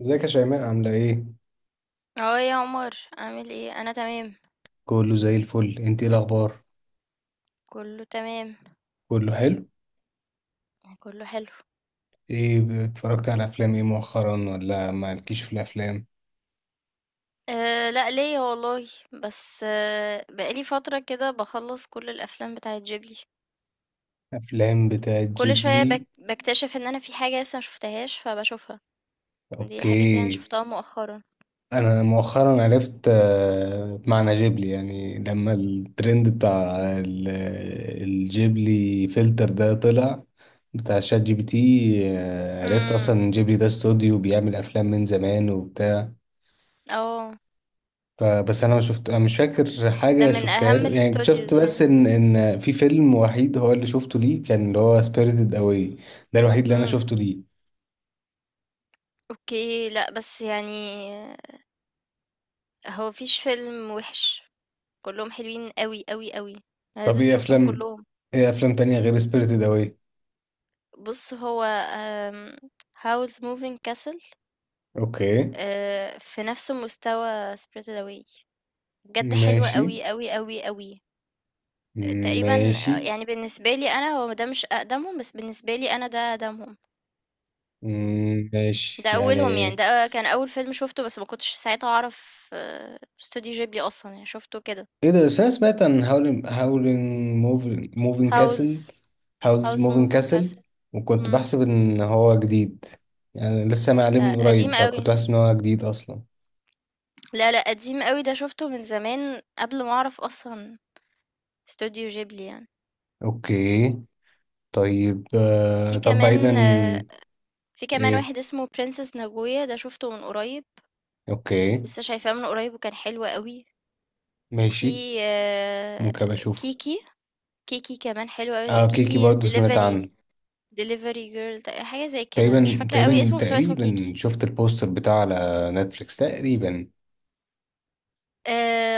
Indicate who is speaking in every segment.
Speaker 1: ازيك يا شيماء عاملة ايه؟
Speaker 2: اه يا عمر عامل ايه انا تمام.
Speaker 1: كله زي الفل، انت ايه الأخبار؟
Speaker 2: كله تمام.
Speaker 1: كله حلو؟
Speaker 2: كله حلو.
Speaker 1: ايه اتفرجت على أفلام ايه مؤخرا ولا مالكيش في الأفلام؟
Speaker 2: أه، لا ليا والله. بس بقالي فترة كده بخلص كل الافلام بتاعه جيبلي.
Speaker 1: أفلام بتاعت
Speaker 2: كل شوية
Speaker 1: جيبلي.
Speaker 2: بك بكتشف ان انا في حاجة لسه مشوفتهاش فبشوفها. دي الحاجات يعني
Speaker 1: اوكي.
Speaker 2: شفتها مؤخرا.
Speaker 1: أنا مؤخرا عرفت معنى جيبلي، يعني لما الترند بتاع الجيبلي فلتر ده طلع، بتاع شات GPT. عرفت أصلا
Speaker 2: امم.
Speaker 1: إن جيبلي ده استوديو بيعمل أفلام من زمان وبتاع.
Speaker 2: اه.
Speaker 1: فبس انا ما شفت، أنا مش فاكر
Speaker 2: ده
Speaker 1: حاجه
Speaker 2: من
Speaker 1: شفتها
Speaker 2: اهم
Speaker 1: له، يعني شفت
Speaker 2: الاستوديوز
Speaker 1: بس
Speaker 2: يعني.
Speaker 1: ان في فيلم وحيد هو اللي شفته ليه، كان اللي هو سبيريتد اواي. ده الوحيد اللي انا
Speaker 2: امم.
Speaker 1: شفته ليه.
Speaker 2: اوكي، لا بس يعني هو مفيش فيلم وحش. كلهم حلوين قوي قوي قوي.
Speaker 1: طب
Speaker 2: لازم
Speaker 1: ايه
Speaker 2: تشوفهم
Speaker 1: افلام
Speaker 2: كلهم.
Speaker 1: ايه افلام تانية غير سبيريتد اواي؟
Speaker 2: بُص، هو آمم Howl's Moving Castle.
Speaker 1: اوكي،
Speaker 2: في نفس مستوى Spirited Away. بجد حلو
Speaker 1: ماشي
Speaker 2: أوي، أوي، أوي، أوي. تقريبًا،
Speaker 1: ماشي.
Speaker 2: يعني بالنسبة لي أنا هو ده مش أقدمهم، بس بالنسبة لي أنا ده أقدمهم،
Speaker 1: مم، ماشي
Speaker 2: ده أولهم
Speaker 1: يعني.
Speaker 2: يعني، ده كان أول فيلم شُفته بس ما كنتش ساعتها أعرف استوديو غيبلي أصلًا، يعني شُفته كده.
Speaker 1: ايه ده؟ بس انا سمعت عن هاولين موفين كاسل،
Speaker 2: Howl's
Speaker 1: هاولز
Speaker 2: Howl's
Speaker 1: موفين
Speaker 2: Moving
Speaker 1: كاسل،
Speaker 2: Castle.
Speaker 1: وكنت
Speaker 2: إمم.
Speaker 1: بحسب ان هو جديد، يعني لسه معلم
Speaker 2: ده
Speaker 1: من قريب،
Speaker 2: قديم
Speaker 1: فكنت
Speaker 2: أوي.
Speaker 1: بحسب ان هو جديد اصلا.
Speaker 2: لا، لأ قديم أوي، ده شُفته من زمان قبل ما أعرف أصلًا استوديو غيبلي يعني.
Speaker 1: اوكي. طيب
Speaker 2: في
Speaker 1: طب بعيدا،
Speaker 2: كمان آه، في كمان
Speaker 1: ايه.
Speaker 2: واحد اسمه Princess Naguya، ده شُفته من قريب،
Speaker 1: اوكي
Speaker 2: لسه شايفاه من قريب وكان حلو أوي.
Speaker 1: ماشي،
Speaker 2: وفي آآ
Speaker 1: ممكن أبقى اشوف.
Speaker 2: كيكي، كيكي كمان حلو أوي،
Speaker 1: اه كيكي
Speaker 2: كيكي
Speaker 1: برضو سمعت
Speaker 2: delivery
Speaker 1: عنه.
Speaker 2: delivery girl، حاجة زي كده، مش
Speaker 1: تقريبا
Speaker 2: فاكرة أوي
Speaker 1: تقريبا
Speaker 2: اسمه بس هو اسمه
Speaker 1: تقريبا
Speaker 2: كيكي.
Speaker 1: شفت البوستر بتاعه على نتفليكس تقريبا.
Speaker 2: آآ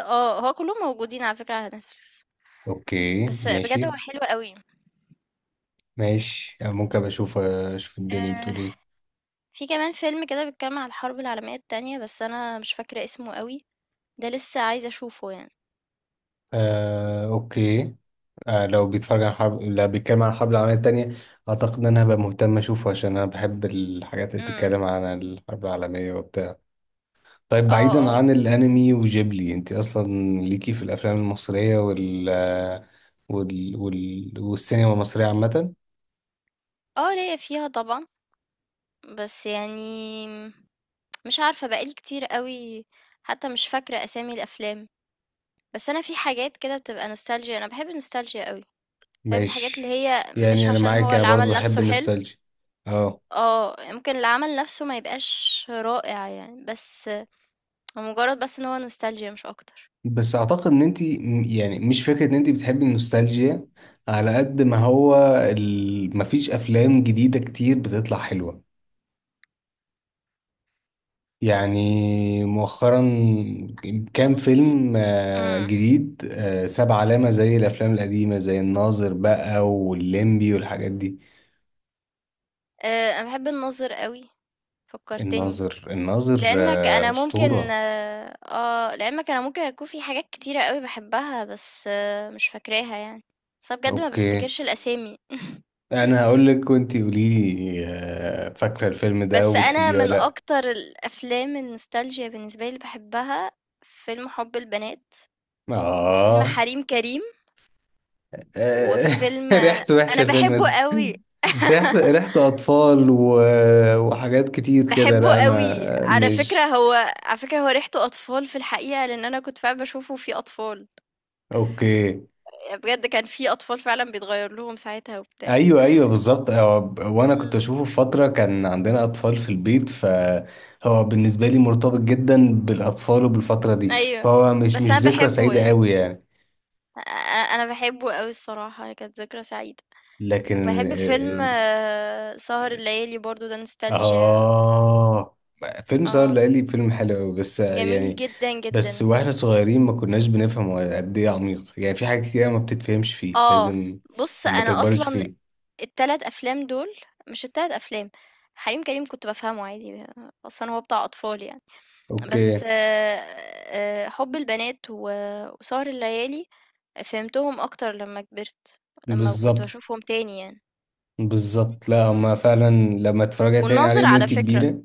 Speaker 2: آه، هو كلّهم موجودين على فكرة على Netflix،
Speaker 1: اوكي،
Speaker 2: بس بجد
Speaker 1: ماشي
Speaker 2: هو حلو أوي.
Speaker 1: ماشي. ممكن أبقى اشوف، اشوف الدنيا
Speaker 2: آآ
Speaker 1: بتقول ايه.
Speaker 2: في كمان فيلم كده بيتكلّم عن الحرب العالمية التانية، بس أنا مش فاكرة اسمه أوي، ده لسه عايزة أشوفه يعني.
Speaker 1: آه، اوكي. آه، لو بيتكلم عن الحرب العالمية التانية، اعتقد ان انا هبقى مهتم اشوفه، عشان انا بحب الحاجات اللي
Speaker 2: إمم.
Speaker 1: بتتكلم عن الحرب العالمية وبتاع. طيب
Speaker 2: آه،
Speaker 1: بعيدا
Speaker 2: آه.
Speaker 1: عن الانمي وجيبلي، انت اصلا ليكي في الافلام المصرية والسينما المصرية عامة؟
Speaker 2: آه، ليّا فيها طبعًا. بس يعني مش عارفة بقى لي كتير أوي، حتى مش فاكرة أسامي الأفلام. بس أنا في حاجات كده بتبقى nostalgia، أنا بحب النوستالجيا أوي. بحب الحاجات اللي
Speaker 1: ماشي،
Speaker 2: هي مش
Speaker 1: يعني انا
Speaker 2: عشان هو
Speaker 1: معاك، انا برضو
Speaker 2: العمل
Speaker 1: بحب
Speaker 2: نفسه حلو.
Speaker 1: النوستالجيا. اه.
Speaker 2: اه، يمكن العمل نفسه ما يبقاش رائع يعني، بس هو مجرد بس ان هو نوستالجيا مش اكتر.
Speaker 1: بس اعتقد ان يعني مش فكرة ان انت بتحبي النوستالجيا، على قد ما هو مفيش افلام جديدة كتير بتطلع حلوة، يعني مؤخرا. كام
Speaker 2: بص،
Speaker 1: فيلم
Speaker 2: امم
Speaker 1: جديد ساب علامة زي الأفلام القديمة، زي الناظر بقى والليمبي والحاجات دي؟
Speaker 2: انا بحب الناظر قوي. فكرتني.
Speaker 1: الناظر أسطورة.
Speaker 2: لعلمك انا ممكن يكون في حاجات كتيرة قوي بحبها، بس مش فاكراها يعني. بس أنا بجد ما
Speaker 1: أوكي.
Speaker 2: بفتكرش الاسامي.
Speaker 1: أنا هقولك وأنتي قوليلي فاكرة الفيلم ده
Speaker 2: بس انا
Speaker 1: وبتحبيه ولا
Speaker 2: من
Speaker 1: لأ.
Speaker 2: اكتر الافلام النوستالجيا بالنسبه لي اللي بحبها فيلم حب البنات، وفيلم
Speaker 1: آه.
Speaker 2: حريم كريم،
Speaker 1: آه،
Speaker 2: وفيلم
Speaker 1: ريحته وحشة
Speaker 2: انا بحبه
Speaker 1: الفيلم
Speaker 2: قوي.
Speaker 1: ده. ريحته أطفال وحاجات كتير كده،
Speaker 2: بحبه
Speaker 1: لأ
Speaker 2: قوي
Speaker 1: ما
Speaker 2: على فكره،
Speaker 1: مش.
Speaker 2: هو ريحته اطفال في الحقيقه، لان انا كنت فعلا بشوفه فيه اطفال،
Speaker 1: أوكي.
Speaker 2: بجد كان في أطفال فعلًا بيتغيّر لهم ساعتها وبتاع.
Speaker 1: ايوه ايوه، بالظبط. وانا كنت
Speaker 2: إمم،
Speaker 1: اشوفه في فتره كان عندنا اطفال في البيت، فهو بالنسبه لي مرتبط جدا بالاطفال وبالفتره دي،
Speaker 2: أيوه.
Speaker 1: فهو مش
Speaker 2: بس
Speaker 1: مش
Speaker 2: أنا
Speaker 1: ذكرى
Speaker 2: باحبه
Speaker 1: سعيده
Speaker 2: يعني،
Speaker 1: قوي يعني.
Speaker 2: أ أ أنا باحبه أوي الصراحة، هي كانت ذكرى سعيدة.
Speaker 1: لكن
Speaker 2: وباحب فيلم سهر الليالي برضه، ده
Speaker 1: اه،
Speaker 2: نوستالجيا.
Speaker 1: فيلم سهر
Speaker 2: آه،
Speaker 1: الليالي فيلم حلو قوي، بس
Speaker 2: جميل
Speaker 1: يعني
Speaker 2: جدًا،
Speaker 1: بس
Speaker 2: جدًا.
Speaker 1: واحنا صغيرين ما كناش بنفهم هو قد ايه عميق، يعني في حاجات كتير ما بتتفهمش فيه،
Speaker 2: آه،
Speaker 1: لازم
Speaker 2: بُص
Speaker 1: لما
Speaker 2: أنا
Speaker 1: تكبري
Speaker 2: أصلًا
Speaker 1: تشوفيه.
Speaker 2: ال3 أفلام دول، مش ال3 أفلام، حريم كريم كنت بافهمه عادي، أصلًا هو بتاع أطفال يعني.
Speaker 1: اوكي.
Speaker 2: بس حُب البنات و وسهر الليالي فهمتهم أكتر لمّا كبرت، لمّا كنت
Speaker 1: بالظبط.
Speaker 2: باشوفهم تاني يعني.
Speaker 1: بالظبط، لا هما
Speaker 2: إمم.
Speaker 1: فعلا لما تتفرجي تاني
Speaker 2: والناظر
Speaker 1: عليهم
Speaker 2: على
Speaker 1: وانتي
Speaker 2: فكرة،
Speaker 1: كبيرة.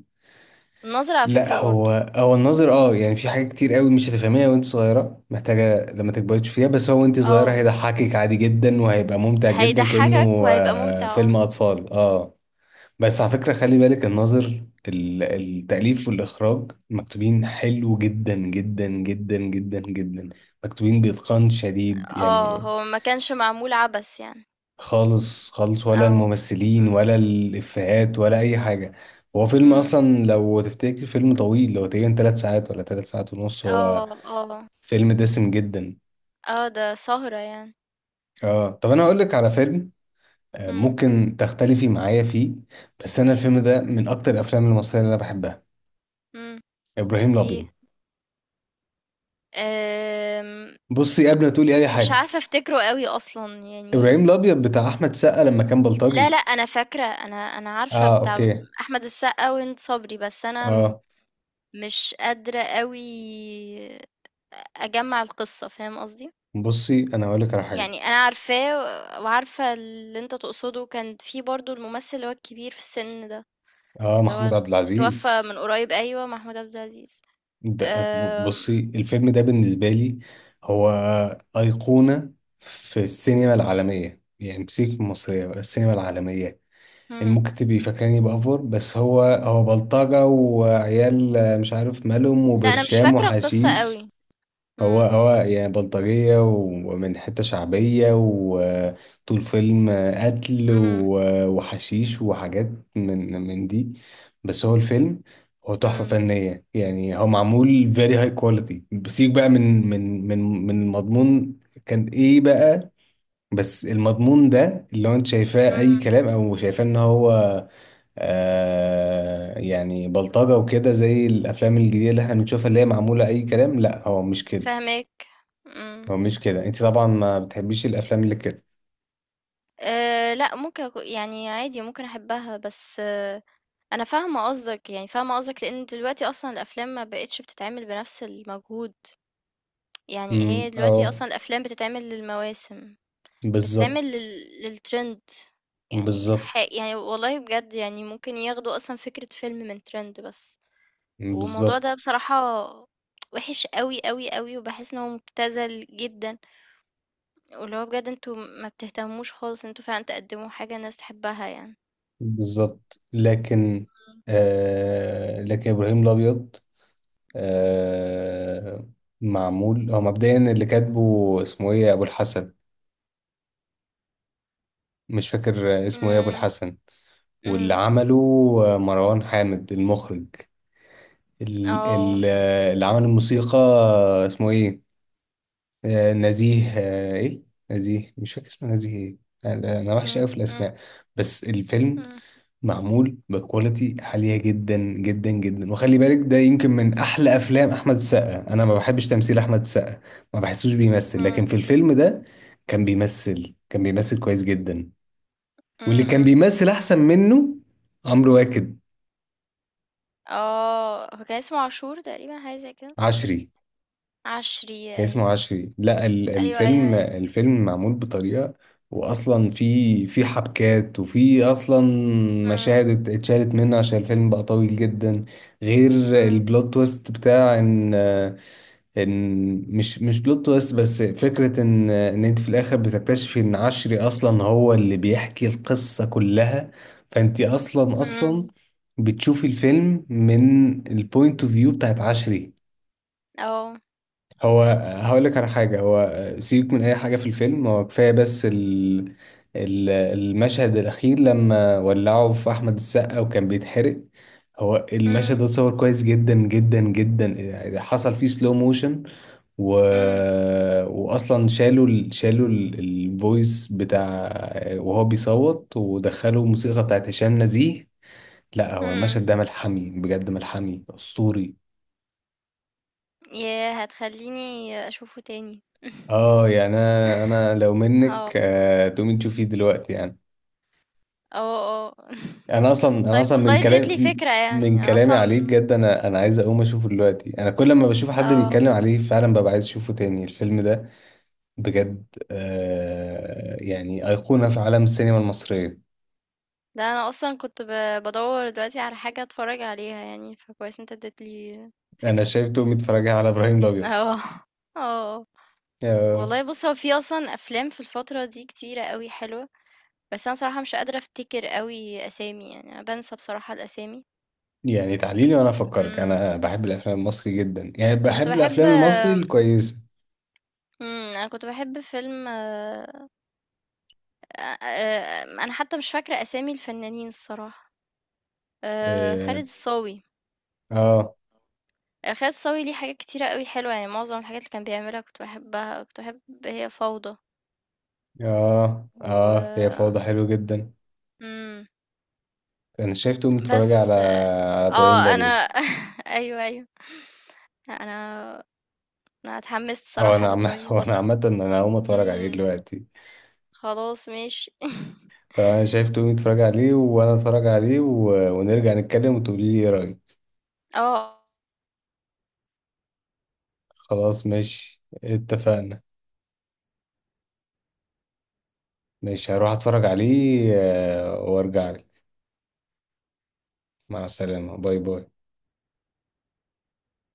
Speaker 2: الناظر على فكرة
Speaker 1: لا، هو
Speaker 2: برضه،
Speaker 1: هو النظر اه، يعني في حاجات كتير قوي مش هتفهميها وانت صغيره، محتاجه لما تكبري تشوفيها، بس هو وانت صغيره
Speaker 2: آه،
Speaker 1: هيضحكك عادي جدا وهيبقى ممتع جدا،
Speaker 2: هيضحّكك
Speaker 1: كانه
Speaker 2: وهيبقى ممتع.
Speaker 1: فيلم اطفال اه. بس على فكره خلي بالك، الناظر، التاليف والاخراج مكتوبين حلو جدا جدا جدا جدا جدا، مكتوبين باتقان شديد يعني.
Speaker 2: هو ما كانش معمول عبث يعني.
Speaker 1: خالص خالص، ولا
Speaker 2: آه.
Speaker 1: الممثلين
Speaker 2: إمم.
Speaker 1: ولا الإفيهات ولا أي حاجة. هو فيلم
Speaker 2: إمم،
Speaker 1: أصلا لو تفتكر فيلم طويل، هو تقريبا 3 ساعات ولا 3 ساعات ونص هو،
Speaker 2: آه، آه،
Speaker 1: فيلم دسم جدا.
Speaker 2: ده سهرة يعني.
Speaker 1: اه طب، أنا هقولك على فيلم،
Speaker 2: إمم.
Speaker 1: ممكن تختلفي معايا فيه، بس أنا الفيلم ده من أكتر الأفلام المصرية اللي أنا بحبها.
Speaker 2: إمم،
Speaker 1: إبراهيم
Speaker 2: إيه،
Speaker 1: الأبيض.
Speaker 2: آمم،
Speaker 1: بصي قبل ما تقولي أي
Speaker 2: مش
Speaker 1: حاجة،
Speaker 2: عارفة أفتكره أوي أصلًا
Speaker 1: إبراهيم
Speaker 2: يعني.
Speaker 1: الأبيض بتاع أحمد سقا لما كان
Speaker 2: لا لأ،
Speaker 1: بلطجي.
Speaker 2: أنا فاكرة، أنا عارفة
Speaker 1: اه
Speaker 2: بتاع
Speaker 1: أوكي.
Speaker 2: أحمد السقا وهند صبري، بس أنا
Speaker 1: اه.
Speaker 2: مش قادرة أوي أجمّع القصة، فاهم قصدي؟
Speaker 1: بصي أنا هقولك على حاجة.
Speaker 2: يعني أنا عارفاه وعارفة اللي أنت تقصده، كان في برضه الممثل اللي هو الكبير في السن ده،
Speaker 1: اه،
Speaker 2: اللي هو
Speaker 1: محمود عبد
Speaker 2: اتوفى
Speaker 1: العزيز.
Speaker 2: من قريب، أيوه، محمود عبد العزيز.
Speaker 1: بصي
Speaker 2: آمم،
Speaker 1: الفيلم ده بالنسبة لي هو أيقونة في السينما العالمية، يعني مش المصرية بقى، السينما العالمية. يعني
Speaker 2: إمم،
Speaker 1: ممكن تبقي فاكراني بأفور، بس هو بلطجة وعيال مش عارف مالهم
Speaker 2: لأ أنا مش
Speaker 1: وبرشام
Speaker 2: فاكرة القصة
Speaker 1: وحشيش.
Speaker 2: أوي.
Speaker 1: هو
Speaker 2: إمم،
Speaker 1: هو يعني بلطجية ومن حتة شعبية، وطول فيلم قتل
Speaker 2: إمم،
Speaker 1: وحشيش وحاجات من دي، بس هو الفيلم، هو تحفة
Speaker 2: إمم،
Speaker 1: فنية، يعني هو معمول very high quality، بسيب بقى من مضمون كان ايه بقى، بس المضمون ده اللي هو انت شايفاه اي
Speaker 2: إمم،
Speaker 1: كلام او شايفاه ان هو يعني بلطجة وكده زي الافلام الجديدة اللي احنا بنشوفها اللي هي معمولة اي كلام، لا هو مش كده،
Speaker 2: فاهماك، إمم.
Speaker 1: هو مش كده. انت طبعا ما بتحبيش الافلام اللي كده.
Speaker 2: لأ، ممكن أكو يعني عادي ممكن أحبها، بس أنا فاهمة قصدك، يعني فاهمة قصدك، لإن دلوقتي أصلًا الأفلام ما بقِتش بتتعمل بنفس المجهود، يعني
Speaker 1: امم،
Speaker 2: هي دلوقتي
Speaker 1: اه،
Speaker 2: أصلًا الأفلام بتتعمل للمواسم،
Speaker 1: بالظبط.
Speaker 2: بتتعمل لل للtrend. يعني
Speaker 1: بالظبط،
Speaker 2: ح يعني والله بجد يعني ممكن ياخدوا أصلًا فكرة فيلم من trend بس، والموضوع
Speaker 1: بالظبط،
Speaker 2: ده بصراحة وِحِش أوي، أوي، أوي، وباحس إن هو مُبتذل جدًا، واللي هو بجد أنتم ما بتهتموش خالص إن أنتم فعلًا تقدّموا حاجة الناس تحبها يعني.
Speaker 1: بالظبط، لكن لكن ابراهيم الابيض، آه، معمول هو مبدئيا اللي كاتبه اسمه ايه ابو الحسن، مش فاكر اسمه ايه ابو
Speaker 2: إمم،
Speaker 1: الحسن، واللي
Speaker 2: إمم،
Speaker 1: عمله مروان حامد المخرج. ال-
Speaker 2: آه.
Speaker 1: ال- اللي عمل الموسيقى اسمه ايه، نزيه، آه، ايه نزيه، مش فاكر اسمه نزيه ايه. انا وحش قوي
Speaker 2: إمم،
Speaker 1: في
Speaker 2: إمم،
Speaker 1: الاسماء، بس الفيلم
Speaker 2: إمم،
Speaker 1: معمول بكواليتي عاليه جدا جدا جدا، وخلي بالك ده يمكن من احلى افلام احمد السقا، انا ما بحبش تمثيل احمد السقا، ما بحسوش بيمثل، لكن
Speaker 2: إمم،
Speaker 1: في الفيلم ده كان بيمثل كويس جدا.
Speaker 2: إمم،
Speaker 1: واللي كان
Speaker 2: إمم،
Speaker 1: بيمثل احسن منه، عمرو واكد.
Speaker 2: هو كان اسمه عاشور تقريبًا، حاجة زي كده،
Speaker 1: عشري.
Speaker 2: عشري،
Speaker 1: اسمه
Speaker 2: أيوه،
Speaker 1: عشري، لا
Speaker 2: أيوه، أيوه،
Speaker 1: الفيلم
Speaker 2: أيوه،
Speaker 1: الفيلم معمول بطريقة، واصلا في حبكات، وفي اصلا
Speaker 2: إمم،
Speaker 1: مشاهد اتشالت منه عشان الفيلم بقى طويل جدا، غير
Speaker 2: إمم،
Speaker 1: البلوت تويست بتاع ان، ان مش بلوت تويست، بس فكرة ان انت في الاخر بتكتشفي ان عشري اصلا هو اللي بيحكي القصة كلها، فانت اصلا
Speaker 2: إمم،
Speaker 1: بتشوفي الفيلم من البوينت اوف فيو بتاعت عشري.
Speaker 2: آه،
Speaker 1: هو، هقول لك على حاجة، هو سيبك من أي حاجة في الفيلم، هو كفاية بس المشهد الأخير لما ولعوا في أحمد السقا وكان بيتحرق، هو المشهد ده
Speaker 2: إمم،
Speaker 1: اتصور كويس جدا جدا جدا، يعني حصل فيه سلو موشن، و...
Speaker 2: إمم،
Speaker 1: وأصلا شالوا الفويس بتاع وهو بيصوت، ودخلوا موسيقى بتاعت هشام نزيه. لا، هو
Speaker 2: إمم،
Speaker 1: المشهد ده ملحمي بجد، ملحمي أسطوري.
Speaker 2: ياه! هتخلّيني أشوفه تاني.
Speaker 1: اه يعني، انا لو منك
Speaker 2: آه،
Speaker 1: تقومي تشوفيه دلوقتي يعني.
Speaker 2: آه، آه،
Speaker 1: انا اصلا،
Speaker 2: طيب والله اديت لي فكرة، يعني
Speaker 1: من
Speaker 2: أنا
Speaker 1: كلامي عليه
Speaker 2: أصلًا
Speaker 1: بجد، انا عايز اقوم اشوفه دلوقتي، انا كل ما بشوف حد
Speaker 2: آه.
Speaker 1: بيتكلم عليه فعلا ببقى عايز اشوفه تاني الفيلم ده بجد. آه يعني ايقونة في عالم السينما المصرية.
Speaker 2: لا انا اصلا كنت بدور دلوقتي على حاجه اتفرج عليها يعني، فكويس انت اديتلي
Speaker 1: انا
Speaker 2: فكره.
Speaker 1: شايف تقومي تتفرجي على ابراهيم الابيض.
Speaker 2: اه، اه،
Speaker 1: آه
Speaker 2: والله بص هو في اصلا افلام في الفتره دي كتيره قوي حلوه، بس انا صراحه مش قادره افتكر قوي اسامي، يعني انا بنسى بصراحه الاسامي.
Speaker 1: يعني تعليلي وانا افكرك،
Speaker 2: امم،
Speaker 1: انا بحب الافلام المصري جدا، يعني
Speaker 2: انا كنت
Speaker 1: بحب
Speaker 2: بحب
Speaker 1: الافلام المصري الكويسة.
Speaker 2: انا كنت بحب فيلم انا حتى مش فاكره اسامي الفنانين الصراحه، خالد
Speaker 1: اه،
Speaker 2: الصاوي.
Speaker 1: اه،
Speaker 2: خالد صاوي ليه حاجات كتيرة أوي حلوة، يعني معظم الحاجات اللي كان بيعملها كنت باحبها، كنت باحب هي فوضى،
Speaker 1: اه, هي
Speaker 2: و
Speaker 1: فوضى حلو جدا.
Speaker 2: إمم،
Speaker 1: انا شايفته متفرج على
Speaker 2: بس
Speaker 1: على ابراهيم
Speaker 2: أنا
Speaker 1: الابيض.
Speaker 2: أيوه، أيوه. أنا أنا اتحمست
Speaker 1: اه.
Speaker 2: صراحة
Speaker 1: انا عم
Speaker 2: لإبراهيم
Speaker 1: هو انا
Speaker 2: الأبيض.
Speaker 1: عامه انا هقوم اتفرج عليه
Speaker 2: إمم،
Speaker 1: دلوقتي.
Speaker 2: خلاص ماشي.
Speaker 1: طب انا شايفته متفرج عليه وانا اتفرج عليه، ونرجع نتكلم وتقولي لي ايه رايك.
Speaker 2: آه.
Speaker 1: خلاص ماشي، اتفقنا. ماشي، هروح اتفرج عليه وارجع لك. مع السلامه، باي باي.